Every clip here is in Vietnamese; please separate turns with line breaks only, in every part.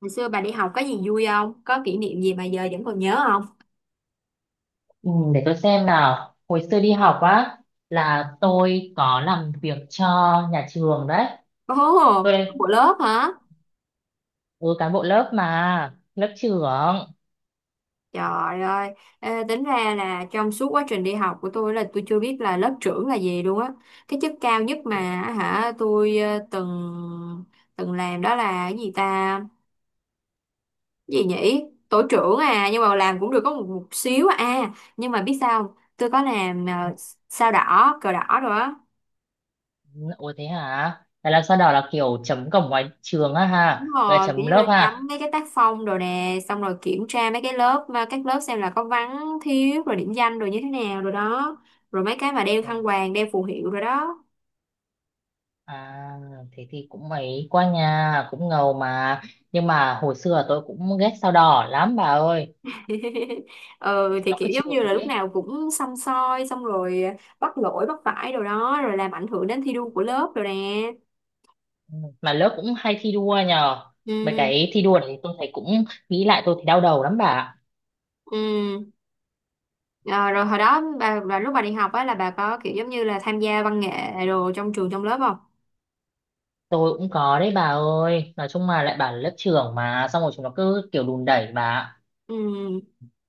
Hồi xưa bà đi học có gì vui không? Có kỷ niệm gì mà giờ vẫn còn nhớ không?
Ừ, để tôi xem nào. Hồi xưa đi học á là tôi có làm việc cho nhà trường đấy.
Ồ,
Tôi đây,
của lớp hả?
ừ, cán bộ lớp mà, lớp trưởng.
Trời ơi, ê, tính ra là trong suốt quá trình đi học của tôi là tôi chưa biết là lớp trưởng là gì luôn á. Cái chức cao nhất mà
Ủa,
tôi từng từng làm đó là cái gì ta? Cái gì nhỉ? Tổ trưởng à, nhưng mà làm cũng được có một xíu à. À, nhưng mà biết sao không? Tôi có làm sao đỏ, cờ đỏ rồi á.
ủa, thế hả? Là làm sao đó là kiểu chấm cổng ngoài trường á
Đúng
ha, về
rồi, kiểu
chấm
như
lớp
nhắm
ha.
mấy cái tác phong rồi nè, xong rồi kiểm tra mấy cái lớp, mà các lớp xem là có vắng, thiếu, rồi điểm danh rồi như thế nào rồi đó. Rồi mấy cái mà đeo
Ồ,
khăn quàng, đeo phù hiệu rồi đó.
à, thế thì cũng mấy qua nhà, cũng ngầu mà. Nhưng mà hồi xưa tôi cũng ghét sao đỏ lắm bà ơi.
Ừ,
Chúng
thì
nó
kiểu
cứ
giống như là
chửi
lúc
ấy.
nào cũng xăm soi, xong rồi bắt lỗi, bắt phải rồi đó, rồi làm ảnh hưởng đến thi đua của lớp rồi nè.
Mà lớp cũng hay thi đua nhờ, mấy
Ừ,
cái thi đua này tôi thấy cũng nghĩ lại tôi thấy đau đầu lắm bà ạ.
ừ. Ờ, rồi hồi đó, lúc bà đi học á là bà có kiểu giống như là tham gia văn nghệ đồ trong trường, trong lớp không?
Tôi cũng có đấy bà ơi, nói chung mà lại bảo là lớp trưởng mà xong rồi chúng nó cứ kiểu đùn đẩy bà ạ.
Ừ.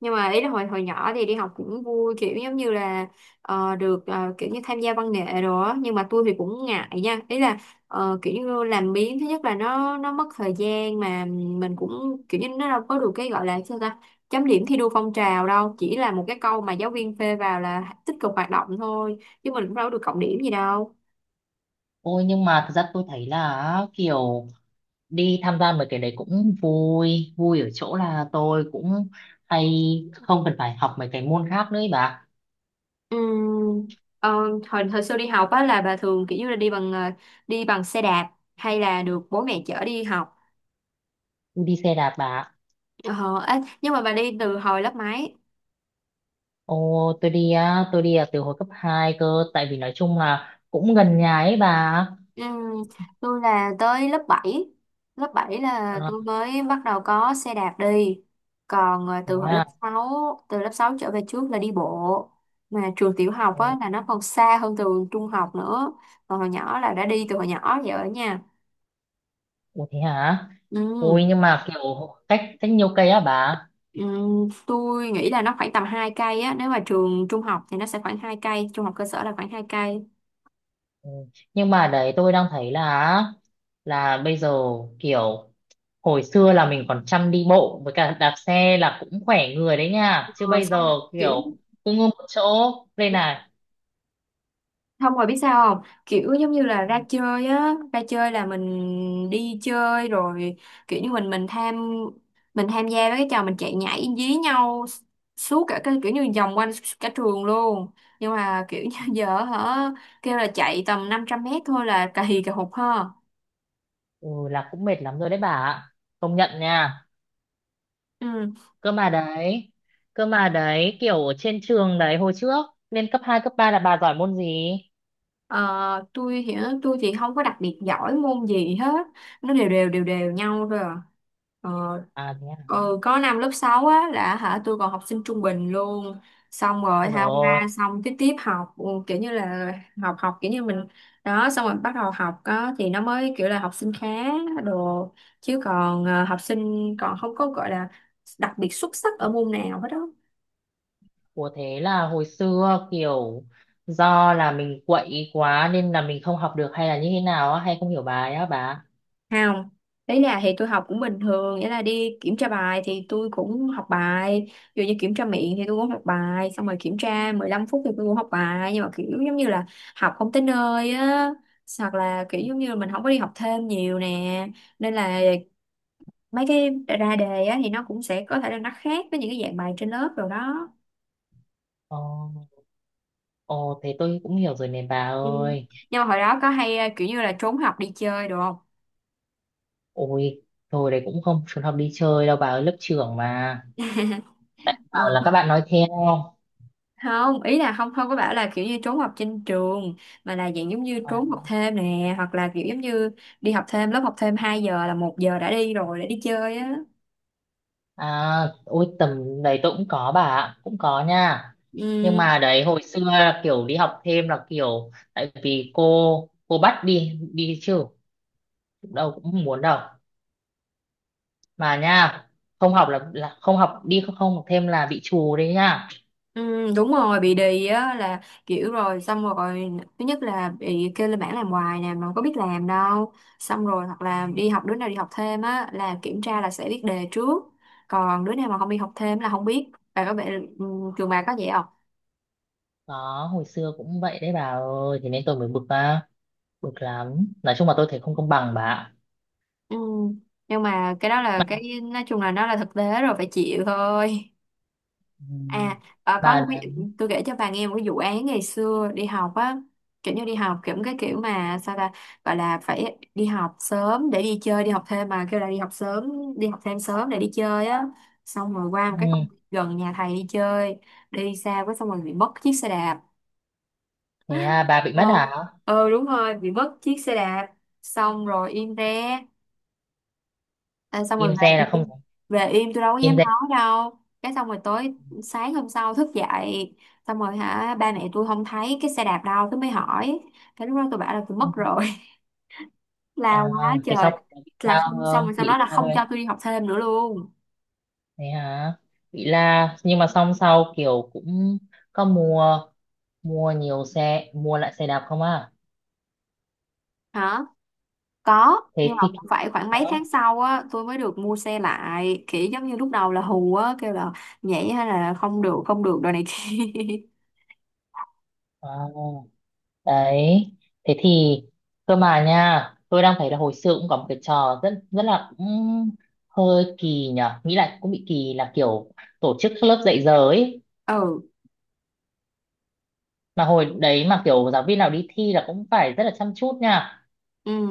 Nhưng mà ý là hồi hồi nhỏ thì đi học cũng vui, kiểu giống như là được kiểu như tham gia văn nghệ đồ á, nhưng mà tôi thì cũng ngại nha, ý là kiểu như làm biếng. Thứ nhất là nó mất thời gian, mà mình cũng kiểu như nó đâu có được cái gọi là sao ta, chấm điểm thi đua phong trào đâu, chỉ là một cái câu mà giáo viên phê vào là tích cực hoạt động thôi, chứ mình cũng đâu có được cộng điểm gì đâu.
Ôi nhưng mà thật ra tôi thấy là kiểu đi tham gia mấy cái đấy cũng vui vui ở chỗ là tôi cũng hay không cần phải học mấy cái môn khác nữa ý bà.
Ừm, ờ, hồi hồi xưa đi học á là bà thường kiểu như là đi bằng đi bằng xe đạp hay là được bố mẹ chở đi học?
Tôi đi xe đạp bà ạ.
Ờ, ê, nhưng mà bà đi từ hồi lớp mấy?
Ồ, tôi đi á, tôi đi à, từ hồi cấp 2 cơ, tại vì nói chung là cũng gần nhà ấy bà.
Ừ, tôi là tới lớp bảy. Lớp 7 là
Ờ,
tôi mới bắt đầu có xe đạp đi. Còn
thế à.
từ lớp 6 trở về trước là đi bộ. Mà trường tiểu học
Ồ,
á, là nó còn xa hơn trường trung học nữa. Còn hồi nhỏ là đã đi từ hồi nhỏ vậy ở nhà.
ủa thế hả?
Ừ,
Ôi nhưng mà kiểu cách cách nhiều cây á bà.
ừ, tôi nghĩ là nó khoảng tầm 2 cây á. Nếu mà trường trung học thì nó sẽ khoảng 2 cây. Trung học cơ sở là khoảng 2 cây.
Ừ. Nhưng mà đấy tôi đang thấy là bây giờ kiểu hồi xưa là mình còn chăm đi bộ với cả đạp xe là cũng khỏe người đấy nha. Chứ
Rồi
bây giờ
xong kiểu
kiểu cứ ngưng một chỗ đây này.
Không, rồi biết sao không? Kiểu giống như là ra chơi á, ra chơi là mình đi chơi rồi, kiểu như mình tham gia với cái trò mình chạy nhảy dí nhau suốt cả cái, kiểu như vòng quanh cả trường luôn. Nhưng mà kiểu như giờ kêu là chạy tầm 500 mét thôi là cà hì cà hụt ha.
Ừ là cũng mệt lắm rồi đấy bà ạ. Công nhận nha.
Ừ.
Cơ mà đấy. Cơ mà đấy kiểu ở trên trường đấy hồi trước lên cấp 2 cấp 3 là bà giỏi môn gì?
Ờ, tôi thì tôi thì không có đặc biệt giỏi môn gì hết, nó đều đều đều đều nhau thôi à. ờ,
À thế à.
ừ, có năm lớp 6 á là tôi còn học sinh trung bình luôn, xong rồi
Rồi.
qua xong tiếp tiếp học, kiểu như là học học kiểu như mình đó, xong rồi bắt đầu học á thì nó mới kiểu là học sinh khá đồ, chứ còn học sinh còn không có gọi là đặc biệt xuất sắc ở môn nào hết đó.
Ủa thế là hồi xưa kiểu do là mình quậy quá nên là mình không học được hay là như thế nào á hay không hiểu bài á bà?
Không, đấy là thì tôi học cũng bình thường, nghĩa là đi kiểm tra bài thì tôi cũng học bài, dù như kiểm tra miệng thì tôi cũng học bài, xong rồi kiểm tra 15 phút thì tôi cũng học bài, nhưng mà kiểu giống như là học không tới nơi á, hoặc là kiểu giống như là mình không có đi học thêm nhiều nè, nên là mấy cái ra đề á thì nó cũng sẽ có thể là nó khác với những cái dạng bài trên lớp rồi đó.
Ồ, ồ thế tôi cũng hiểu rồi này bà
Ừ.
ơi.
Nhưng mà hồi đó có hay kiểu như là trốn học đi chơi được không?
Ôi, thôi đấy cũng không trốn học đi chơi đâu bà ơi, lớp trưởng mà. Bảo
Ờ.
là các bạn nói theo.
Không, ý là không không có bảo là kiểu như trốn học trên trường, mà là dạng giống như
À,
trốn học thêm nè, hoặc là kiểu giống như đi học thêm lớp học thêm 2 giờ là 1 giờ đã đi rồi, đã đi chơi á.
à, ôi tầm đấy tôi cũng có bà ạ, cũng có nha. Nhưng
Ừ,
mà đấy hồi xưa là kiểu đi học thêm là kiểu tại vì cô bắt đi đi chứ đâu cũng không muốn đâu. Mà nha không học là không học đi không, không học thêm là bị trù đấy nha.
ừ, đúng rồi, bị đì á, là kiểu rồi xong rồi thứ nhất là bị kêu lên bảng làm hoài nè mà không có biết làm đâu, xong rồi hoặc là đi học đứa nào đi học thêm á là kiểm tra là sẽ biết đề trước, còn đứa nào mà không đi học thêm là không biết, và có vẻ ừ, trường bà có vậy.
Đó hồi xưa cũng vậy đấy bà ơi thế nên tôi mới bực á, bực lắm nói chung là tôi thấy không công bằng bà ạ.
Ừ. Nhưng mà cái đó là cái nói chung là nó là thực tế rồi phải chịu thôi.
Ừ.
À, ờ, có
Bà
một
là-
cái tôi kể cho bà nghe một cái vụ án ngày xưa đi học á, kiểu như đi học kiểu cái kiểu mà sao ta gọi là phải đi học sớm để đi chơi, đi học thêm mà kêu là đi học sớm, đi học thêm sớm để đi chơi á. Xong rồi qua một cái
ừ.
công viên gần nhà thầy đi chơi, đi xa quá xong rồi bị mất chiếc xe đạp.
Thế à, bà bị mất
Vâng.
hả?
Ừ đúng rồi, bị mất chiếc xe đạp. Xong rồi im re. À, xong rồi
Im
về
re là không
im về im tôi đâu có
im
dám
re.
nói đâu, cái xong rồi sáng hôm sau thức dậy, xong rồi ba mẹ tôi không thấy cái xe đạp đâu tôi mới hỏi, cái lúc đó tôi bảo là tôi
Ừ.
mất rồi.
À,
La quá
thế
trời.
xong bà bị sao
Là không, xong
không,
rồi sau
bị
đó là
la
không
thôi?
cho tôi đi học thêm nữa luôn.
Thế hả, bị la nhưng mà xong sau kiểu cũng có mua, mua nhiều xe mua lại xe đạp không à?
Hả, có,
Thế
nhưng mà
thì
cũng phải khoảng mấy
đó.
tháng sau á tôi mới được mua xe lại, kiểu giống như lúc đầu là hù á, kêu là nhảy hay là không được không được đồ này kia.
À, đấy thế thì cơ mà nha tôi đang thấy là hồi xưa cũng có một cái trò rất rất là cũng hơi kỳ nhở nghĩ lại cũng bị kỳ là kiểu tổ chức các lớp dạy giờ ấy,
Ừ,
mà hồi đấy mà kiểu giáo viên nào đi thi là cũng phải rất là chăm chút nha.
ừ,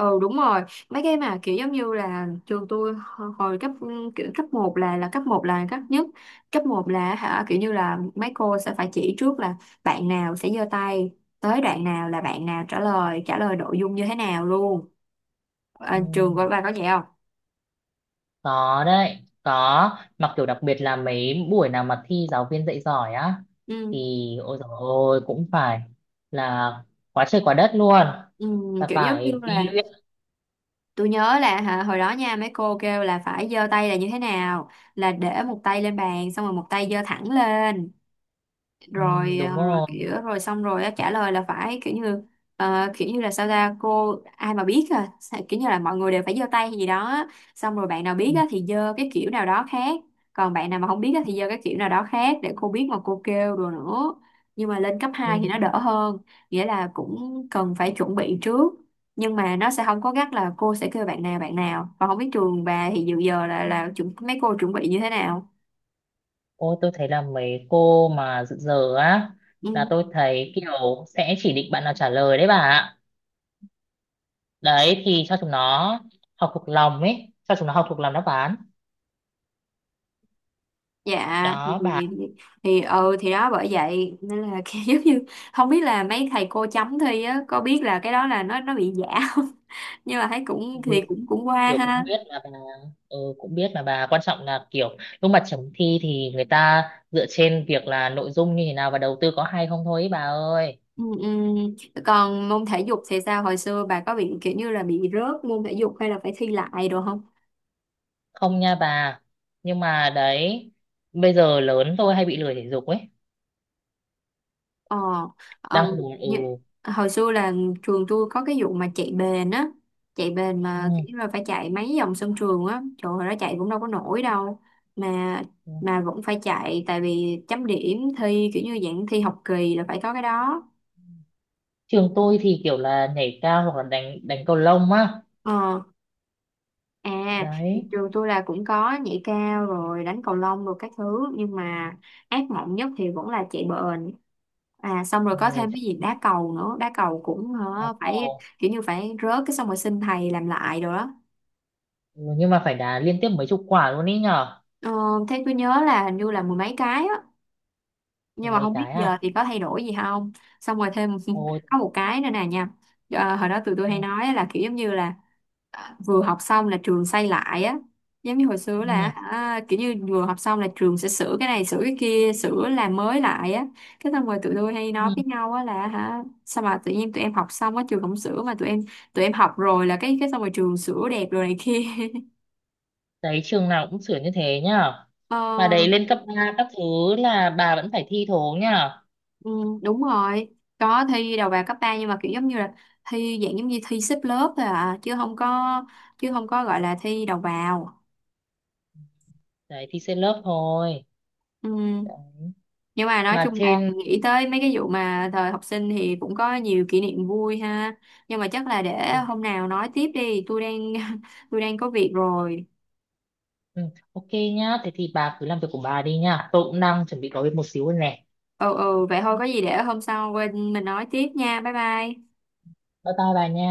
ừ, đúng rồi, mấy cái mà kiểu giống như là trường tôi hồi cấp, kiểu cấp một là cấp một là cấp nhất, cấp một là kiểu như là mấy cô sẽ phải chỉ trước là bạn nào sẽ giơ tay, tới đoạn nào là bạn nào trả lời nội dung như thế nào luôn. À,
Ừ,
trường của bà có vậy không?
có đấy, có mà kiểu đặc biệt là mấy buổi nào mà thi giáo viên dạy giỏi á thì
Ừ,
ôi dồi ôi cũng phải là quá trời quá đất luôn,
ừ,
là
kiểu giống như
phải đi
là
luyện.
tôi nhớ là hồi đó nha mấy cô kêu là phải giơ tay là như thế nào, là để một tay lên bàn xong rồi một tay giơ thẳng lên,
Ừ,
rồi
đúng
ờ, rồi
rồi.
kiểu rồi xong rồi á, trả lời là phải kiểu như kiểu như là sao ta, cô ai mà biết, à kiểu như là mọi người đều phải giơ tay hay gì đó á, xong rồi bạn nào biết á thì giơ cái kiểu nào đó khác, còn bạn nào mà không biết á thì giơ cái kiểu nào đó khác để cô biết mà cô kêu rồi nữa. Nhưng mà lên cấp
Ừ.
hai thì nó đỡ hơn, nghĩa là cũng cần phải chuẩn bị trước, nhưng mà nó sẽ không có gắt là cô sẽ kêu bạn nào và không biết. Trường bà thì dự giờ là chuẩn, mấy cô chuẩn bị như thế nào?
Ôi tôi thấy là mấy cô mà dự giờ á là
Ừ.
tôi thấy kiểu sẽ chỉ định bạn nào trả lời đấy bà ạ. Đấy thì cho chúng nó học thuộc lòng ấy, cho chúng nó học thuộc lòng đáp án.
dạ thì
Đó bà.
thì, thì ừ thì đó bởi vậy nên là kiểu giống như không biết là mấy thầy cô chấm thi á có biết là cái đó là nó bị giả không, nhưng mà thấy cũng thì
Ui,
cũng cũng qua
kiểu cũng
ha.
biết mà bà. Ừ, cũng biết mà bà, quan trọng là kiểu lúc mà chấm thi thì người ta dựa trên việc là nội dung như thế nào và đầu tư có hay không thôi ấy, bà ơi.
Ừ, ừ. Còn môn thể dục thì sao, hồi xưa bà có bị kiểu như là bị rớt môn thể dục hay là phải thi lại đồ không?
Không nha bà. Nhưng mà đấy bây giờ lớn tôi hay bị lười thể dục ấy,
Ờ,
đang
um,
buồn. Ừ.
như, hồi xưa là trường tôi có cái vụ mà chạy bền á, chạy bền
Ừ.
mà kiểu là phải chạy mấy vòng sân trường á, trời ơi, nó chạy cũng đâu có nổi đâu, mà
Ừ.
vẫn phải chạy tại vì chấm điểm thi kiểu như dạng thi học kỳ là phải có cái đó.
Trường tôi thì kiểu là nhảy cao hoặc là đánh đánh cầu lông á.
Ờ, à,
Đấy,
trường tôi là cũng có nhảy cao rồi đánh cầu lông rồi các thứ, nhưng mà ác mộng nhất thì vẫn là chạy bền. Xong rồi
ừ,
có thêm cái gì
chạy,
đá cầu nữa, đá cầu cũng
đá
hả, phải
cầu.
kiểu như phải rớt cái xong rồi xin thầy làm lại rồi đó.
Ừ, nhưng mà phải đá liên tiếp mấy chục quả luôn ý nhở.
ờ, thế tôi nhớ là hình như là mười mấy cái á,
Ừ,
nhưng mà
mấy
không biết
cái
giờ
à.
thì có thay đổi gì không. Xong rồi thêm
Ôi.
có một cái nữa nè nha, hồi đó tụi tôi
Ừ,
hay nói là kiểu giống như là vừa học xong là trường xây lại á, giống như hồi xưa là
ừ,
kiểu như vừa học xong là trường sẽ sửa cái này sửa cái kia sửa làm mới lại á, cái xong rồi tụi tôi hay nói
ừ.
với nhau á là sao mà tự nhiên tụi em học xong á trường không sửa, mà tụi em học rồi là cái xong rồi trường sửa đẹp rồi này kia.
Đấy trường nào cũng sửa như thế nhở.
Ờ,
Mà đấy lên cấp 3 các thứ là bà vẫn phải thi thố nhở.
ừ, đúng rồi, có thi đầu vào cấp 3 nhưng mà kiểu giống như là thi dạng giống như thi xếp lớp thôi à, chứ không có gọi là thi đầu vào.
Đấy thi trên lớp thôi
Ừ.
đấy.
Nhưng mà nói
Mà
chung là
trên,
nghĩ tới mấy cái vụ mà thời học sinh thì cũng có nhiều kỷ niệm vui ha. Nhưng mà chắc là để
ừ,
hôm nào nói tiếp đi, tôi đang tôi đang có việc rồi.
ừ, ok nhá thế thì bà cứ làm việc của bà đi nhá, tôi cũng đang chuẩn bị có việc một xíu rồi nè.
Ừ, ừ, vậy thôi có gì để hôm sau quên mình nói tiếp nha. Bye bye.
Bye bye bà nha.